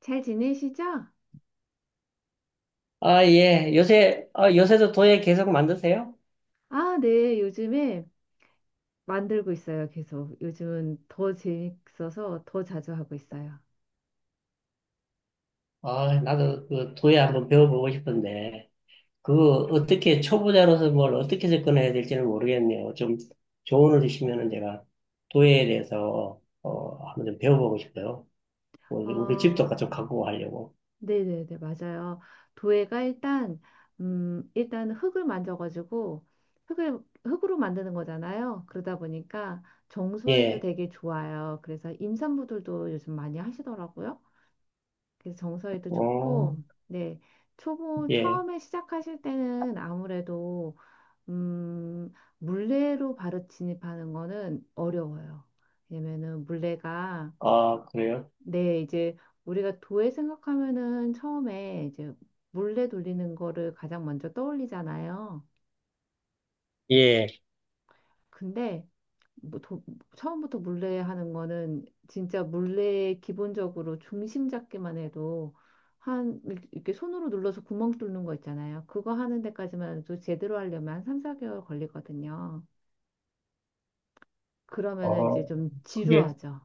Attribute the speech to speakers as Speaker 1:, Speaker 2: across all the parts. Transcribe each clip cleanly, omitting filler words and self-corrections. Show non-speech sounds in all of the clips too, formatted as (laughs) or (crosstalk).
Speaker 1: 잘 지내시죠?
Speaker 2: 아, 예. 요새도 도예 계속 만드세요?
Speaker 1: 아, 네. 요즘에 만들고 있어요. 계속. 요즘은 더 재밌어서 더 자주 하고 있어요.
Speaker 2: 아, 나도 그 도예 한번 배워보고 싶은데, 그거 어떻게, 초보자로서 뭘 어떻게 접근해야 될지는 모르겠네요. 좀 조언을 주시면은 제가 도예에 대해서, 한번 좀 배워보고 싶어요. 우리 집도 같이
Speaker 1: 아,
Speaker 2: 갖고 가려고.
Speaker 1: 네네네. 맞아요. 도예가 일단 흙을 만져가지고, 흙을, 흙으로 만드는 거잖아요. 그러다 보니까 정서에도
Speaker 2: 예.
Speaker 1: 되게 좋아요. 그래서 임산부들도 요즘 많이 하시더라고요. 그래서 정서에도
Speaker 2: 어,
Speaker 1: 좋고, 네.
Speaker 2: 예.
Speaker 1: 처음에 시작하실 때는 아무래도 음, 물레로 바로 진입하는 거는 어려워요. 왜냐면은 물레가.
Speaker 2: 아, 그래요?
Speaker 1: 네, 이제 우리가 도에 생각하면은 처음에 이제 물레 돌리는 거를 가장 먼저 떠올리잖아요.
Speaker 2: 예.
Speaker 1: 근데 뭐 처음부터 물레 하는 거는 진짜 물레 기본적으로 중심 잡기만 해도 한 이렇게 이렇게 손으로 눌러서 구멍 뚫는 거 있잖아요. 그거 하는 데까지만 해도 제대로 하려면 한 3, 4개월 걸리거든요. 그러면은 이제
Speaker 2: 어,
Speaker 1: 좀
Speaker 2: 그게,
Speaker 1: 지루하죠.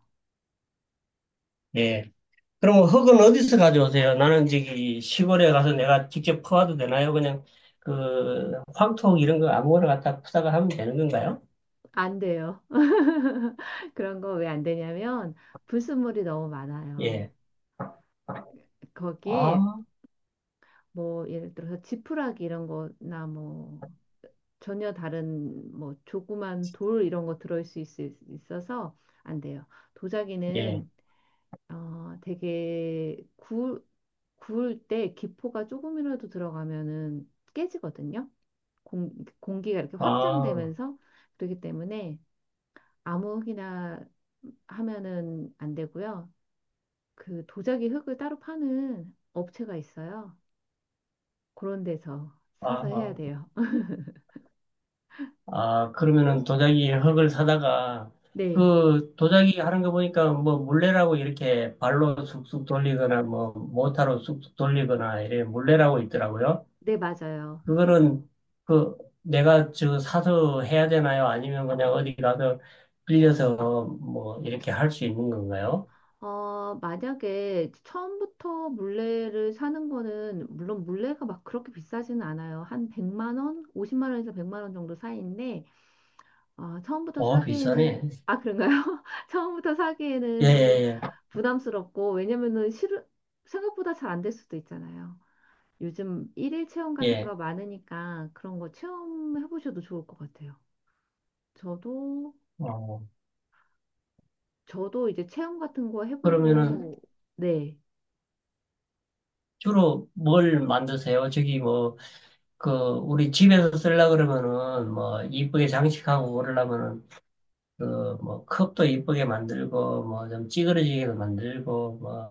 Speaker 2: 예. 그럼 흙은 어디서 가져오세요? 나는 저기 시골에 가서 내가 직접 퍼와도 되나요? 그냥 그 황토 이런 거 아무거나 갖다 푸다가 하면 되는 건가요?
Speaker 1: 안 돼요. (laughs) 그런 거 왜 안 되냐면 불순물이 너무 많아요.
Speaker 2: 예.
Speaker 1: 거기에
Speaker 2: 아,
Speaker 1: 뭐 예를 들어서 지푸라기 이런 거나 뭐 전혀 다른 뭐 조그만 돌 이런 거 들어올 수 있어서 안 돼요.
Speaker 2: 예.
Speaker 1: 도자기는 되게 구울 때 기포가 조금이라도 들어가면은 깨지거든요. 공, 공기가 이렇게
Speaker 2: 아,
Speaker 1: 확장되면서 그렇기 때문에 아무거나 하면은 안 되고요. 그 도자기 흙을 따로 파는 업체가 있어요. 그런 데서
Speaker 2: 아,
Speaker 1: 사서 해야
Speaker 2: 아.
Speaker 1: 돼요. (laughs)
Speaker 2: 아, 그러면은 도자기 흙을 사다가
Speaker 1: 네,
Speaker 2: 그 도자기 하는 거 보니까 뭐 물레라고 이렇게 발로 쑥쑥 돌리거나 뭐 모타로 쑥쑥 돌리거나 이래 물레라고 있더라고요.
Speaker 1: 네, 맞아요.
Speaker 2: 그거는 그 내가 저 사서 해야 되나요? 아니면 그냥 어디 가서 빌려서 뭐 이렇게 할 수 있는 건가요?
Speaker 1: 만약에 처음부터 물레를 사는 거는, 물론 물레가 막 그렇게 비싸지는 않아요. 한 100만 원? 50만 원에서 100만 원 정도 사이인데, 처음부터
Speaker 2: 어,
Speaker 1: 사기에는,
Speaker 2: 비싸네.
Speaker 1: 아, 그런가요? (laughs) 처음부터
Speaker 2: 예,
Speaker 1: 사기에는 좀
Speaker 2: 예,
Speaker 1: 부담스럽고, 왜냐면은 생각보다 잘 안될 수도 있잖아요. 요즘 일일 체험
Speaker 2: 예.
Speaker 1: 같은
Speaker 2: 예.
Speaker 1: 거 많으니까 그런 거 체험해 보셔도 좋을 것 같아요. 저도
Speaker 2: 어,
Speaker 1: 저도 이제 체험 같은 거
Speaker 2: 그러면은
Speaker 1: 해보고 네.
Speaker 2: 주로 뭘 만드세요? 저기 뭐 그 우리 집에서 쓰려고 그러면은 뭐 이쁘게 장식하고 그러려면은 그, 뭐, 컵도 이쁘게 만들고, 뭐, 좀 찌그러지게도 만들고, 뭐,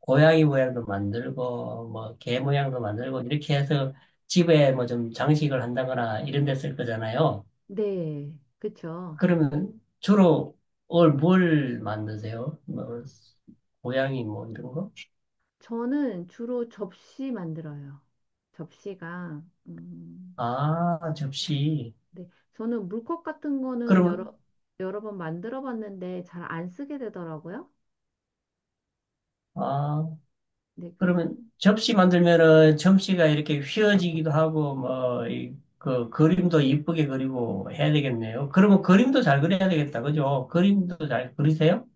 Speaker 2: 고양이 모양도 만들고, 뭐, 개 모양도 만들고, 이렇게 해서 집에 뭐 좀 장식을 한다거나 이런 데 쓸 거잖아요.
Speaker 1: 네. 그쵸.
Speaker 2: 그러면 주로 뭘 만드세요? 뭐, 고양이 뭐 이런 거?
Speaker 1: 저는 주로 접시 만들어요. 접시가 음,
Speaker 2: 아, 접시.
Speaker 1: 네. 저는 물컵 같은 거는 여러
Speaker 2: 그러면,
Speaker 1: 여러 번 만들어 봤는데 잘 안 쓰게 되더라고요.
Speaker 2: 아,
Speaker 1: 네. 그래서
Speaker 2: 그러면 접시 만들면은 접시가 이렇게 휘어지기도 하고 뭐 이 그 그림도 이쁘게 그리고 해야 되겠네요. 그러면 그림도 잘 그려야 되겠다. 그죠? 그림도 잘 그리세요?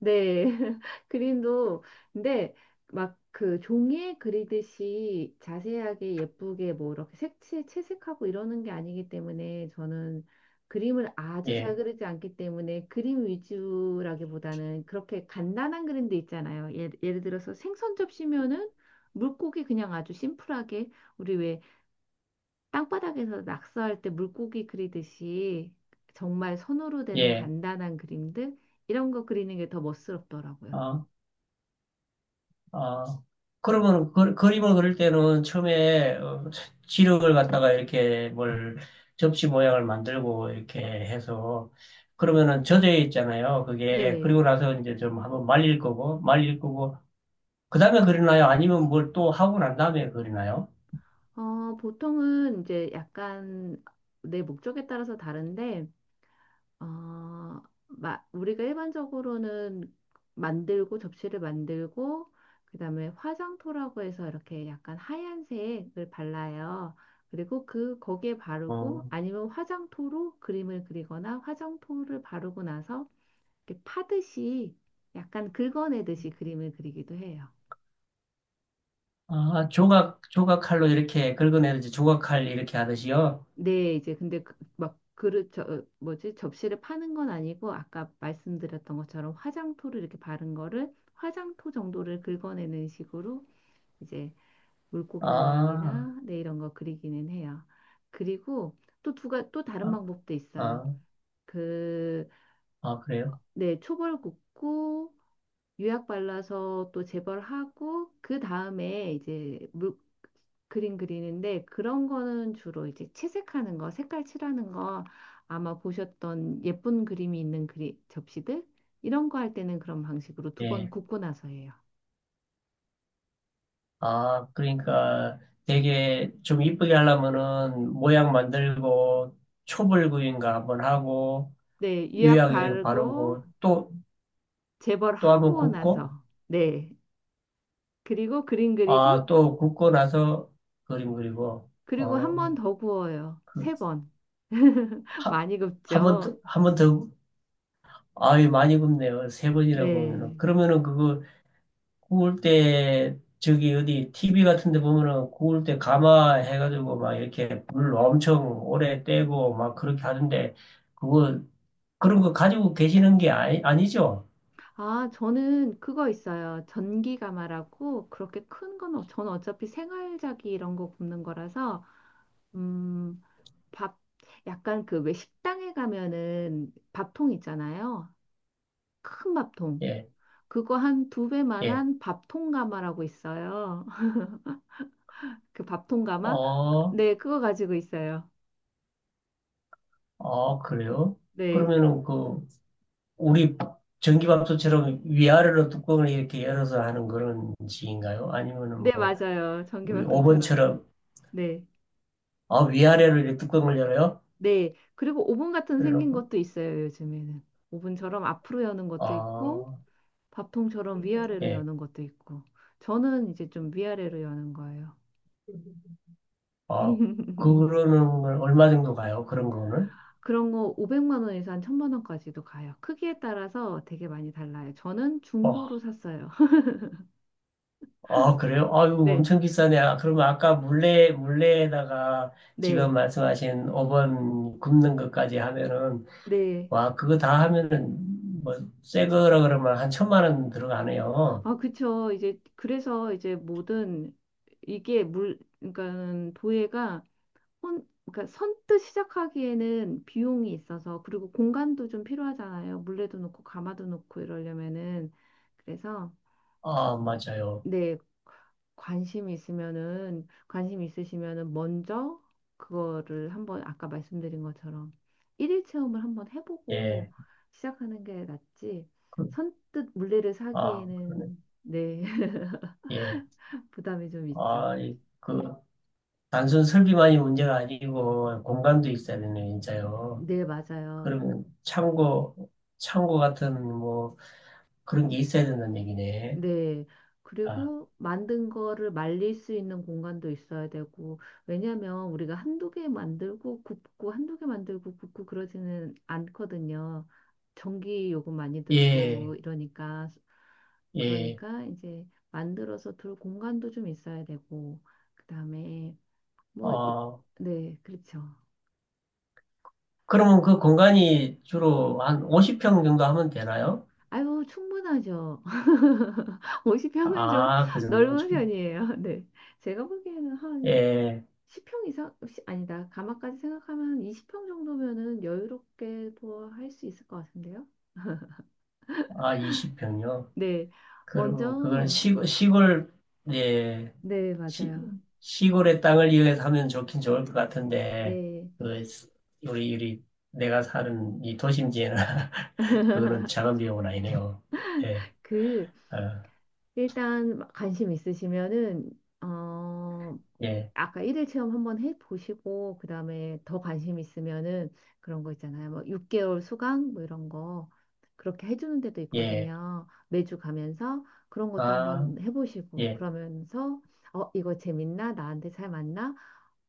Speaker 1: 네, (laughs) 그림도, 근데 막 그 종이에 그리듯이 자세하게 예쁘게 뭐 이렇게 색채 채색하고 이러는 게 아니기 때문에 저는 그림을 아주 잘
Speaker 2: 예.
Speaker 1: 그리지 않기 때문에 그림 위주라기보다는 그렇게 간단한 그림도 있잖아요. 예를 들어서 생선 접시면은 물고기 그냥 아주 심플하게 우리 왜 땅바닥에서 낙서할 때 물고기 그리듯이 정말 손으로 되는
Speaker 2: 예.
Speaker 1: 간단한 그림들 이런 거 그리는 게 더 멋스럽더라고요.
Speaker 2: 어, 어. 그러면 그림을 그릴 때는 처음에 지력을 갖다가 이렇게 뭘 접시 모양을 만들고 이렇게 해서 그러면은 젖어 있잖아요. 그게
Speaker 1: 네.
Speaker 2: 그리고 나서 이제 좀 한번 말릴 거고 그다음에 그리나요? 아니면 뭘 또 하고 난 다음에 그리나요?
Speaker 1: 보통은 이제 약간 내 목적에 따라서 다른데 어, 우리가 일반적으로는 만들고 접시를 만들고 그다음에 화장토라고 해서 이렇게 약간 하얀색을 발라요. 그리고 그 거기에 바르고
Speaker 2: 어.
Speaker 1: 아니면 화장토로 그림을 그리거나 화장토를 바르고 나서 이렇게 파듯이 약간 긁어내듯이 그림을 그리기도 해요.
Speaker 2: 아, 조각칼로 이렇게 긁어내듯이 조각칼 이렇게 하듯이요?
Speaker 1: 네, 이제 근데 막 그릇 뭐지 접시를 파는 건 아니고 아까 말씀드렸던 것처럼 화장토를 이렇게 바른 거를 화장토 정도를 긁어내는 식으로 이제 물고기
Speaker 2: 아,
Speaker 1: 모양이나 네 이런 거 그리기는 해요. 그리고 또 두가 또 다른
Speaker 2: 아,
Speaker 1: 방법도 있어요.
Speaker 2: 아,
Speaker 1: 그
Speaker 2: 아, 그래요?
Speaker 1: 네 초벌 굽고 유약 발라서 또 재벌하고 그 다음에 이제 물 그림 그리는데 그런 거는 주로 이제 채색하는 거, 색깔 칠하는 거 아마 보셨던 예쁜 그림이 있는 그리 접시들 이런 거 할 때는 그런 방식으로 두 번
Speaker 2: 예.
Speaker 1: 굽고 나서 해요.
Speaker 2: 아, 그러니까 되게 좀 이쁘게 하려면은 모양 만들고 초벌 구인가 한번 하고
Speaker 1: 네, 유약
Speaker 2: 유약 이렇게
Speaker 1: 바르고
Speaker 2: 바르고 또, 또 한번
Speaker 1: 재벌하고
Speaker 2: 굽고
Speaker 1: 나서 네. 그리고 그림
Speaker 2: 아,
Speaker 1: 그리고
Speaker 2: 또 굽고 나서 그림 그리고
Speaker 1: 그리고 한 번
Speaker 2: 어,
Speaker 1: 더 구워요.
Speaker 2: 그,
Speaker 1: 세 번. (laughs)
Speaker 2: 하,
Speaker 1: 많이
Speaker 2: 한번 더,
Speaker 1: 굽죠.
Speaker 2: 한번 더 아유, 많이 굽네요. 세 번이나
Speaker 1: 네.
Speaker 2: 구우면은. 그러면은 그거 구울 때, 저기 어디 TV 같은 데 보면은 구울 때 가마 해가지고 막 이렇게 물 엄청 오래 떼고 막 그렇게 하던데, 그거, 그런 거 가지고 계시는 게 아니, 아니죠?
Speaker 1: 아, 저는 그거 있어요. 전기가마라고 그렇게 큰 건, 저는 어차피 생활자기 이런 거 굽는 거라서, 음, 밥, 약간 그 왜 식당에 가면은 밥통 있잖아요. 큰 밥통.
Speaker 2: 예,
Speaker 1: 그거 한 두
Speaker 2: 예.
Speaker 1: 배만한 밥통 가마라고 있어요. (laughs) 그 밥통 가마?
Speaker 2: 어,
Speaker 1: 네, 그거 가지고 있어요.
Speaker 2: 아 그래요?
Speaker 1: 네.
Speaker 2: 그러면은 그, 우리 전기밥솥처럼 위아래로 뚜껑을 이렇게 열어서 하는 그런 식인가요? 아니면은
Speaker 1: 네,
Speaker 2: 뭐,
Speaker 1: 맞아요.
Speaker 2: 우리
Speaker 1: 전기밥통처럼.
Speaker 2: 오븐처럼,
Speaker 1: 네.
Speaker 2: 아, 위아래로 이렇게 뚜껑을 열어요?
Speaker 1: 네. 그리고 오븐 같은 생긴
Speaker 2: 그래놓고
Speaker 1: 것도 있어요, 요즘에는. 오븐처럼 앞으로 여는 것도 있고,
Speaker 2: 아,
Speaker 1: 밥통처럼 위아래로
Speaker 2: 예.
Speaker 1: 여는 것도 있고. 저는 이제 좀 위아래로 여는 거예요.
Speaker 2: 아,
Speaker 1: (laughs)
Speaker 2: 그러는 걸 얼마 정도 가요? 그런 거는?
Speaker 1: 그런 거 500만 원에서 한 1000만 원까지도 가요. 크기에 따라서 되게 많이 달라요. 저는
Speaker 2: 어,
Speaker 1: 중고로 샀어요. (laughs)
Speaker 2: 아, 그래요? 아유,
Speaker 1: 네,
Speaker 2: 엄청 비싸네. 아, 그러면 아까 물레에다가 지금
Speaker 1: 네,
Speaker 2: 말씀하신 5번 굽는 것까지 하면은,
Speaker 1: 네.
Speaker 2: 와, 그거 다 하면은, 뭐, 새 거라 그러면 한 1,000만 원 들어가네요.
Speaker 1: 아, 그쵸. 이제 그래서 이제 모든 이게 그러니까는 도예가 그러니까 선뜻 시작하기에는 비용이 있어서 그리고 공간도 좀 필요하잖아요. 물레도 놓고 가마도 놓고 이러려면은 그래서
Speaker 2: 아, 맞아요.
Speaker 1: 네, 관심 있으시면은 먼저 그거를 한번 아까 말씀드린 것처럼 일일 체험을 한번
Speaker 2: 예.
Speaker 1: 해보고 시작하는 게 낫지,
Speaker 2: 그,
Speaker 1: 선뜻 물레를
Speaker 2: 아, 그러네.
Speaker 1: 사기에는, 네, (laughs)
Speaker 2: 예.
Speaker 1: 부담이 좀 있죠.
Speaker 2: 아, 단순 설비만이 문제가 아니고, 공간도 있어야 되네, 진짜요.
Speaker 1: 네,
Speaker 2: 그
Speaker 1: 맞아요.
Speaker 2: 러면 창고 같은 뭐 그런 게 있어야 된다는 얘기네.
Speaker 1: 네.
Speaker 2: 아,
Speaker 1: 그리고 만든 거를 말릴 수 있는 공간도 있어야 되고, 왜냐면 우리가 한두 개 만들고 굽고, 한두 개 만들고 굽고 그러지는 않거든요. 전기 요금 많이 들고
Speaker 2: 예,
Speaker 1: 이러니까,
Speaker 2: 예.
Speaker 1: 그러니까 이제 만들어서 둘 공간도 좀 있어야 되고, 그 다음에 뭐,
Speaker 2: 어,
Speaker 1: 네, 그렇죠.
Speaker 2: 그러면 그 공간이 주로 한 50평 정도 하면 되나요?
Speaker 1: 아유, 충분하죠. (laughs) 50평은 좀
Speaker 2: 아, 그
Speaker 1: (laughs)
Speaker 2: 정도면
Speaker 1: 넓은
Speaker 2: 좀,
Speaker 1: 편이에요. 네. 제가 보기에는 한
Speaker 2: 예.
Speaker 1: 10평 이상, 아니다. 가마까지 생각하면 20평 정도면은 여유롭게도 할 수 있을 것 같은데요.
Speaker 2: 아, 20평요.
Speaker 1: 네. 먼저,
Speaker 2: 그러면 그건 시골, 예.
Speaker 1: 네,
Speaker 2: 시,
Speaker 1: 맞아요.
Speaker 2: 시골의 땅을 이용해서 하면 좋긴 좋을 것 같은데,
Speaker 1: 네.
Speaker 2: 그, 우리, 우리, 내가 사는 이 도심지에는 (laughs) 그거는 작은 비용은 아니네요. 예.
Speaker 1: 그,
Speaker 2: 아,
Speaker 1: 일단 관심 있으시면은, 어,
Speaker 2: 예,
Speaker 1: 아까 일일 체험 한번 해보시고 그다음에 더 관심 있으면은 그런 거 있잖아요. 뭐 6개월 수강 뭐 이런 거 그렇게 해주는 데도
Speaker 2: 예,
Speaker 1: 있거든요. 매주 가면서 그런 것도
Speaker 2: 아,
Speaker 1: 한번 해보시고
Speaker 2: 예,
Speaker 1: 그러면서 이거 재밌나? 나한테 잘 맞나?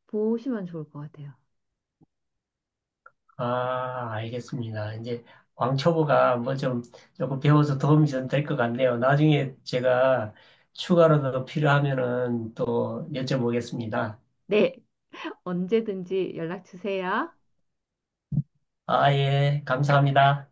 Speaker 1: 보시면 좋을 것 같아요.
Speaker 2: 아, 알겠습니다. 이제 왕초보가 뭐 좀 조금 배워서 도움이 좀 될 것 같네요. 나중에 제가 추가로 더 필요하면은 또 여쭤보겠습니다.
Speaker 1: 네, 언제든지 연락 주세요.
Speaker 2: 아, 예, 감사합니다.